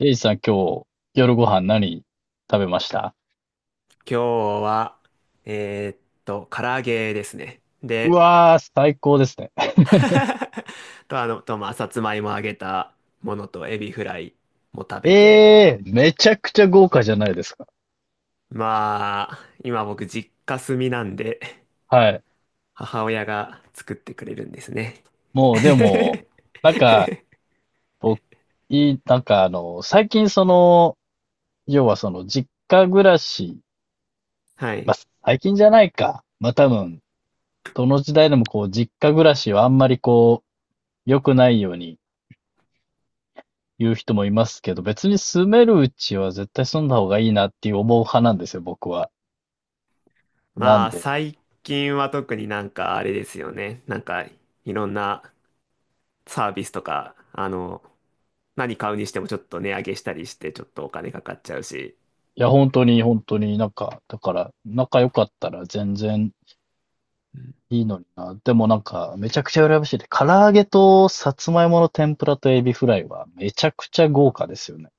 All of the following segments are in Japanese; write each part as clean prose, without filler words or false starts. エイジさん、今日、夜ご飯何食べました？今日は、えーっ唐揚げですね。うで、わー、最高ですね。と、あの、と、まあ、さつまいも揚げたものとエビフライも食べて、ええー、めちゃくちゃ豪華じゃないですか。まあ、今僕実家住みなんで、はい。母親が作ってくれるんですね。もう、でも、なんか、僕、いい、なんかあの、最近その、要はその、実家暮らし、はい。まあ、最近じゃないか。まあ、多分、どの時代でもこう、実家暮らしはあんまりこう、良くないように言う人もいますけど、別に住めるうちは絶対住んだ方がいいなっていう思う派なんですよ、僕は。なまんあ、で、最近は特になんかあれですよね。なんか、いろんなサービスとか、何買うにしてもちょっと値上げしたりして、ちょっとお金かかっちゃうし、いや、本当に、本当になんか、だから、仲良かったら全然いいのにな。でもなんか、めちゃくちゃ羨ましいで、唐揚げとさつまいもの天ぷらとエビフライはめちゃくちゃ豪華ですよね。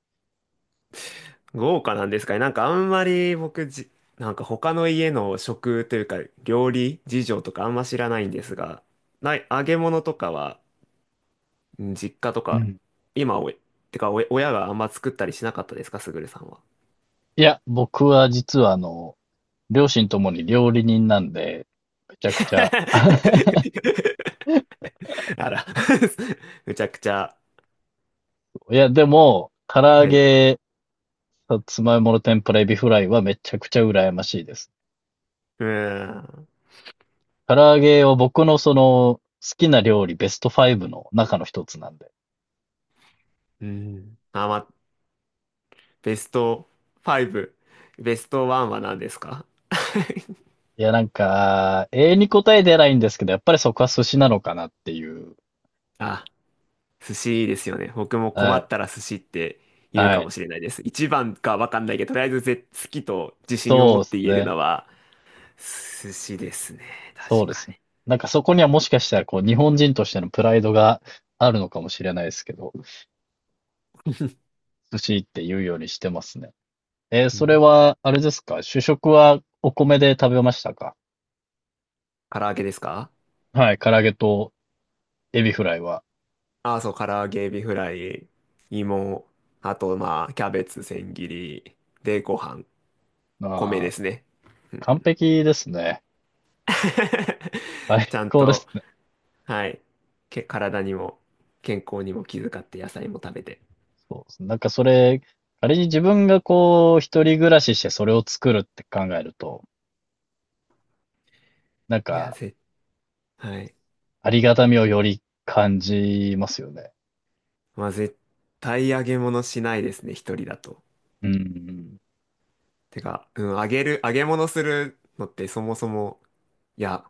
豪華なんですかね。なんかあんまりなんか他の家の食というか料理事情とかあんま知らないんですが、ない、揚げ物とかは、うん、実家とうか、ん。今おい、てかおい、親があんま作ったりしなかったですか、すぐるさんは。いや、僕は実はあの、両親ともに料理人なんで、めちゃくちゃ。あら、むちゃくちゃ。いや、でも、唐揚はい。げ、さつまいもの天ぷらエビフライはめちゃくちゃ羨ましいです。うーん。唐揚げは僕のその、好きな料理ベスト5の中の一つなんで。うん。あ、ま、ベスト5、ベスト1は何ですか？ いや、なんか、永遠に答え出ないんですけど、やっぱりそこは寿司なのかなっていう。あ、寿司ですよね。僕も困はっい。たら寿司って言うはかい。もしれないです。一番かわかんないけど、とりあえず好きと自信を持そっうですて言えるね。のは寿司ですね。そう確でかすね。に。なんかそこにはもしかしたら、こう、日本人としてのプライドがあるのかもしれないですけど、寿司って言うようにしてますね。うそれん。は、あれですか？主食はお米で食べましたか？唐揚げですか？はい。唐揚げとエビフライは。ああ、そう、唐揚げ、エビフライ、芋、あと、まあ、キャベツ、千切り、で、ご飯、米あであ、すね。うんう完ん。 璧ですね。ち最ゃん高でと、す。はい。体にも、健康にも気遣って野菜も食べて。そうですね。なんかそれ、仮に自分がこう、一人暮らししてそれを作るって考えると、なんいや、か、はい。ありがたみをより感じますよね。まあ、絶対揚げ物しないですね、一人だと。うん。てか、うん、揚げ物するのってそもそも、いや、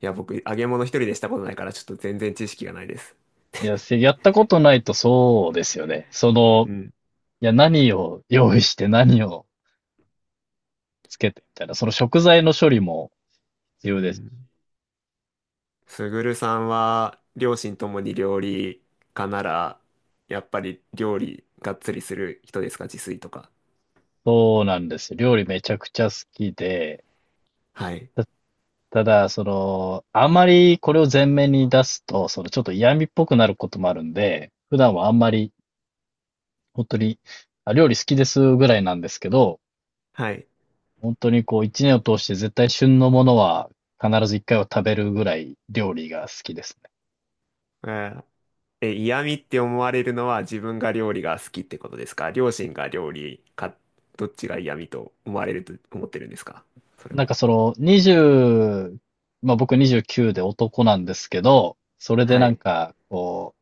いや、僕、揚げ物一人でしたことないから、ちょっと全然知識がないです。いや、せやったことないとそうですよね。そうの、ん。いや、何を用意して何をつけてみたいな、その食材の処理もう必要ですし。ん。すぐるさんは、両親ともに料理家なら、やっぱり料理がっつりする人ですか、自炊とか。そうなんですよ。料理めちゃくちゃ好きで、はい。た、ただ、その、あまりこれを前面に出すと、そのちょっと嫌味っぽくなることもあるんで、普段はあんまり本当に、あ、料理好きですぐらいなんですけど、はい。本当にこう1年を通して絶対旬のものは必ず1回は食べるぐらい料理が好きですね。えーえ、嫌味って思われるのは自分が料理が好きってことですか？両親が料理か、どっちが嫌味と思われると思ってるんですかそれなんは？かそのにじゅう、20ま、僕29で男なんですけど、それではなんい。か、こ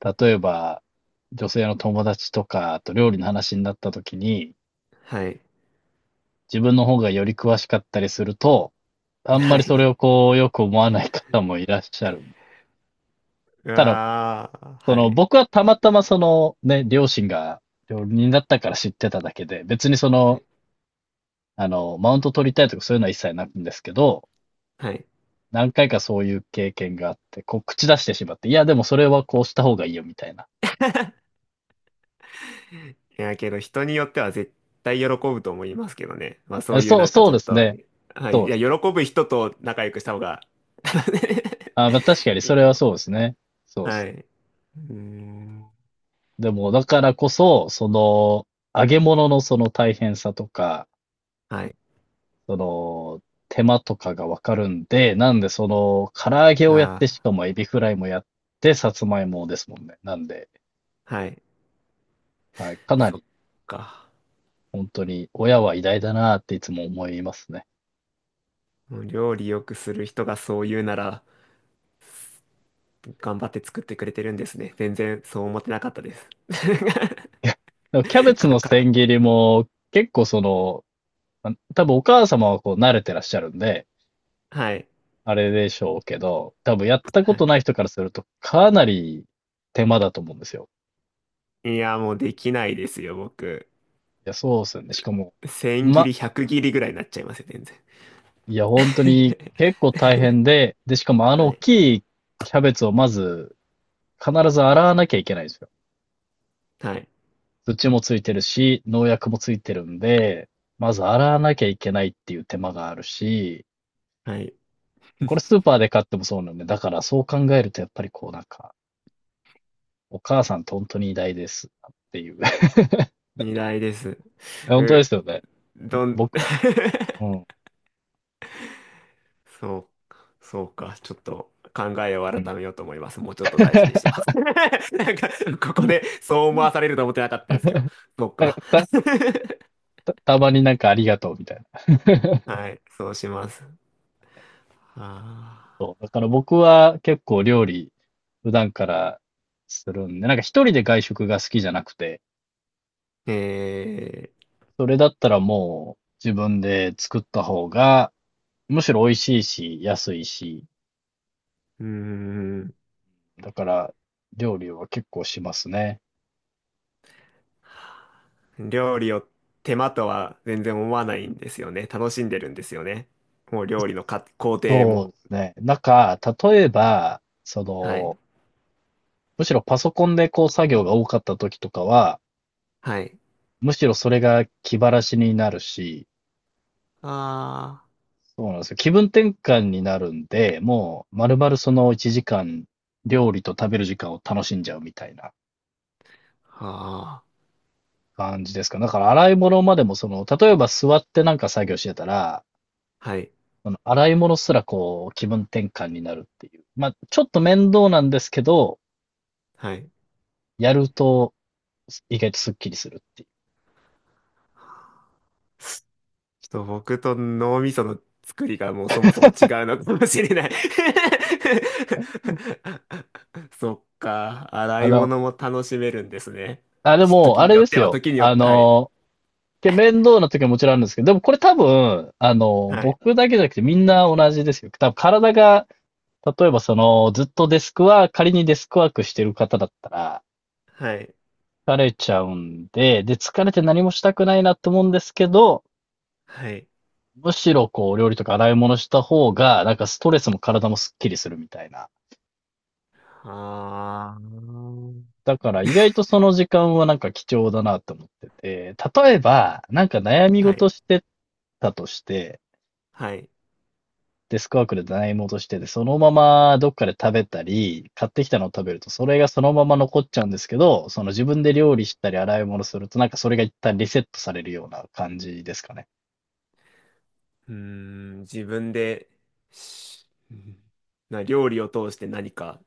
う、例えば、女性の友達とかと料理の話になった時に、はい。自分の方がより詳しかったりすると、あんまはりそれい。をこうよく思わない方もいらっしゃる。うただわー、そはの、い。僕はたまたまその、ね、両親が料理人だったから知ってただけで、別にそはの、い。あの、マウント取りたいとかそういうのは一切ないんですけど、はい。何回かそういう経験があって、こう、口出してしまって、いや、でもそれはこうした方がいいよ、みたいな。いや、けど人によっては絶対喜ぶと思いますけどね。まあそあういうそう、なんかそうちょっですと、ね。はい。そういでや、すね。喜ぶ人と仲良くした方が あ、まあ、確かに いそいれとはそは。うですね。そうではす。い。うーん。でも、だからこそ、その、揚げ物のその大変さとか、はい。その、手間とかがわかるんで、なんでその、唐揚げをやって、しあかもエビフライもやって、さつまいもですもんね。なんで、あ、はい。はい、かなそっり、か。本当に、親は偉大だなっていつも思いますね。もう料理よくする人がそう言うなら、頑張って作ってくれてるんそでうですすね。ね。全然そう思ってなかったです。でもキャベ ツかのか千切りも、結構その、あ多分お母様はこう慣れてらっしゃるんで、はい。あれでしょうけど、多分やったこはとい。ない人からすると、かなり手間だと思うんですよ。いや、もうできないですよ、僕。いや、そうですよね。しかも、千切り、百切りぐらいになっちゃいますよ、全然。いや、本当に 結構大変で、で、しかもあのは大い。きいキャベツをまず必ず洗わなきゃいけないんですよ。はい。土もついてるし、農薬もついてるんで、まず洗わなきゃいけないっていう手間があるし、はい。これスーパーで買ってもそうなんで、だからそう考えるとやっぱりこうなんか、お母さんって本当に偉大ですっていう。二台です。本当でう、すよね。どん、僕、うん。そう、そうか。ちょっと考えをうん 改めようと思います。もうちょっと大事にして ます。なんか、ここでそう思わされると思ってなかったですけど。そうなんか。か た、た、たまになんかありがとうみたいな。はい、そうします。あそう。だから僕は結構料理普段からするんで、なんか一人で外食が好きじゃなくて、ーえそれだったらもう自分で作った方が、むしろ美味しいし、安いし、うーだから料理は結構しますね。ん、料理を手間とは全然思わないんですよね。楽しんでるんですよね。もう料理の工程そうも。ですね。なんか、例えば、そはい、の、むしろパソコンでこう作業が多かった時とかは、はい。むしろそれが気晴らしになるし、あそうなんですよ。気分転換になるんで、もう、まるまるその1時間、料理と食べる時間を楽しんじゃうみたいなあ、は感じですか。だから、洗い物までも、その、例えば座ってなんか作業してたら、あ、はい、その洗い物すらこう、気分転換になるっていう。まあ、ちょっと面倒なんですけど、はい。やると、意外とスッキリするっていう。ちょっと僕と脳みその作りがもうそもそも違うのかもしれない。 そっか、洗あいの、物も楽しめるんですね。あ、でも、時あにれよでっすては、よ。時によっあて、はい。の、面倒な時はもちろんあるんですけど、でもこれ多分、あの、はい。僕だけじゃなくてみんな同じですよ。多分体が、例えばその、ずっとデスクワーク、仮にデスクワークしてる方だったら、はい。疲れちゃうんで、で、疲れて何もしたくないなと思うんですけど、はい。むしろこう、料理とか洗い物した方が、なんかストレスも体もスッキリするみたいな。あー。だから意外とその時間はなんか貴重だなと思ってて、例えば、なんか悩みは事い。してたとして、はい。デスクワークで洗い戻してて、そのままどっかで食べたり、買ってきたのを食べると、それがそのまま残っちゃうんですけど、その自分で料理したり洗い物すると、なんかそれが一旦リセットされるような感じですかね。うーん、自分で、しうんな、料理を通して何か、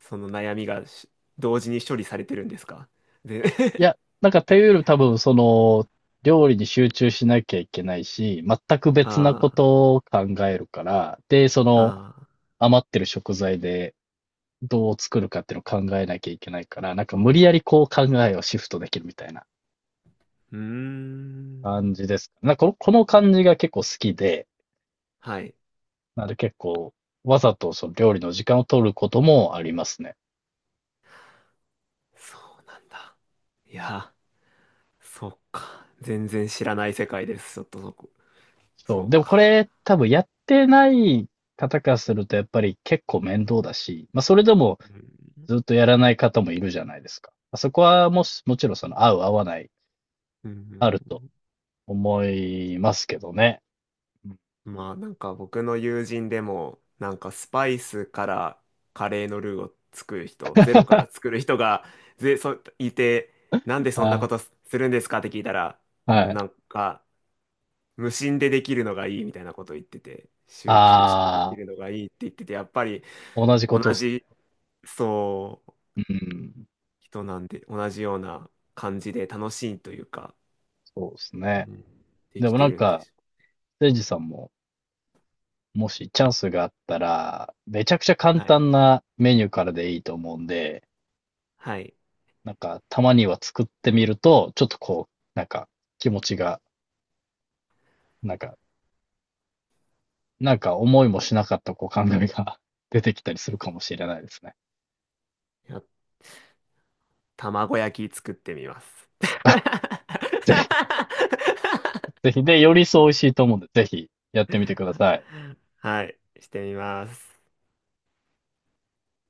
その悩みがし同時に処理されてるんですか？で、い や、なんかというより多分その、料理に集中しなきゃいけないし、全く別なあことを考えるから、で、そあ、のああ。余ってる食材でどう作るかっていうのを考えなきゃいけないから、なんか無理やりこう考えをシフトできるみたいなうー感ん。じです。なんかこの感じが結構好きで、はい。なので結構、わざとその料理の時間を取ることもありますね。そうなんだ。いや、そうか。全然知らない世界です。ちょっとそこ。そそう。でうもこか。れ多分やってない方からするとやっぱり結構面倒だし、まあそれでもうん。ずっとやらない方もいるじゃないですか。まあそこはもし、もちろんその合う合わないうあるとん。思いますけどね。まあなんか僕の友人でも、なんかスパイスからカレーのルーを作る人、ゼロから作る人が、いて、なんでそんなこあ、とするんですかって聞いたら、うはん、い。なんか、無心でできるのがいいみたいなことを言ってて、集中してできあるのがいいって言ってて、やっぱり、あ、同じこ同とっすじそう、ね。うん。人なんで、同じような感じで楽しいというか、そうですうね。ん、でできもなてんるんでか、しょ。せいじさんももしチャンスがあったら、めちゃくちゃ簡はい。単なメニューからでいいと思うんで、はい。なんか、たまには作ってみると、ちょっとこう、なんか、気持ちが、なんか、なんか思いもしなかったこう考えが 出てきたりするかもしれないですね。いや、卵焼き作ってみます。ぜひ、ぜひ。で、よりそう美味しいと思うんで、ぜひやってみてください。はい。してみます。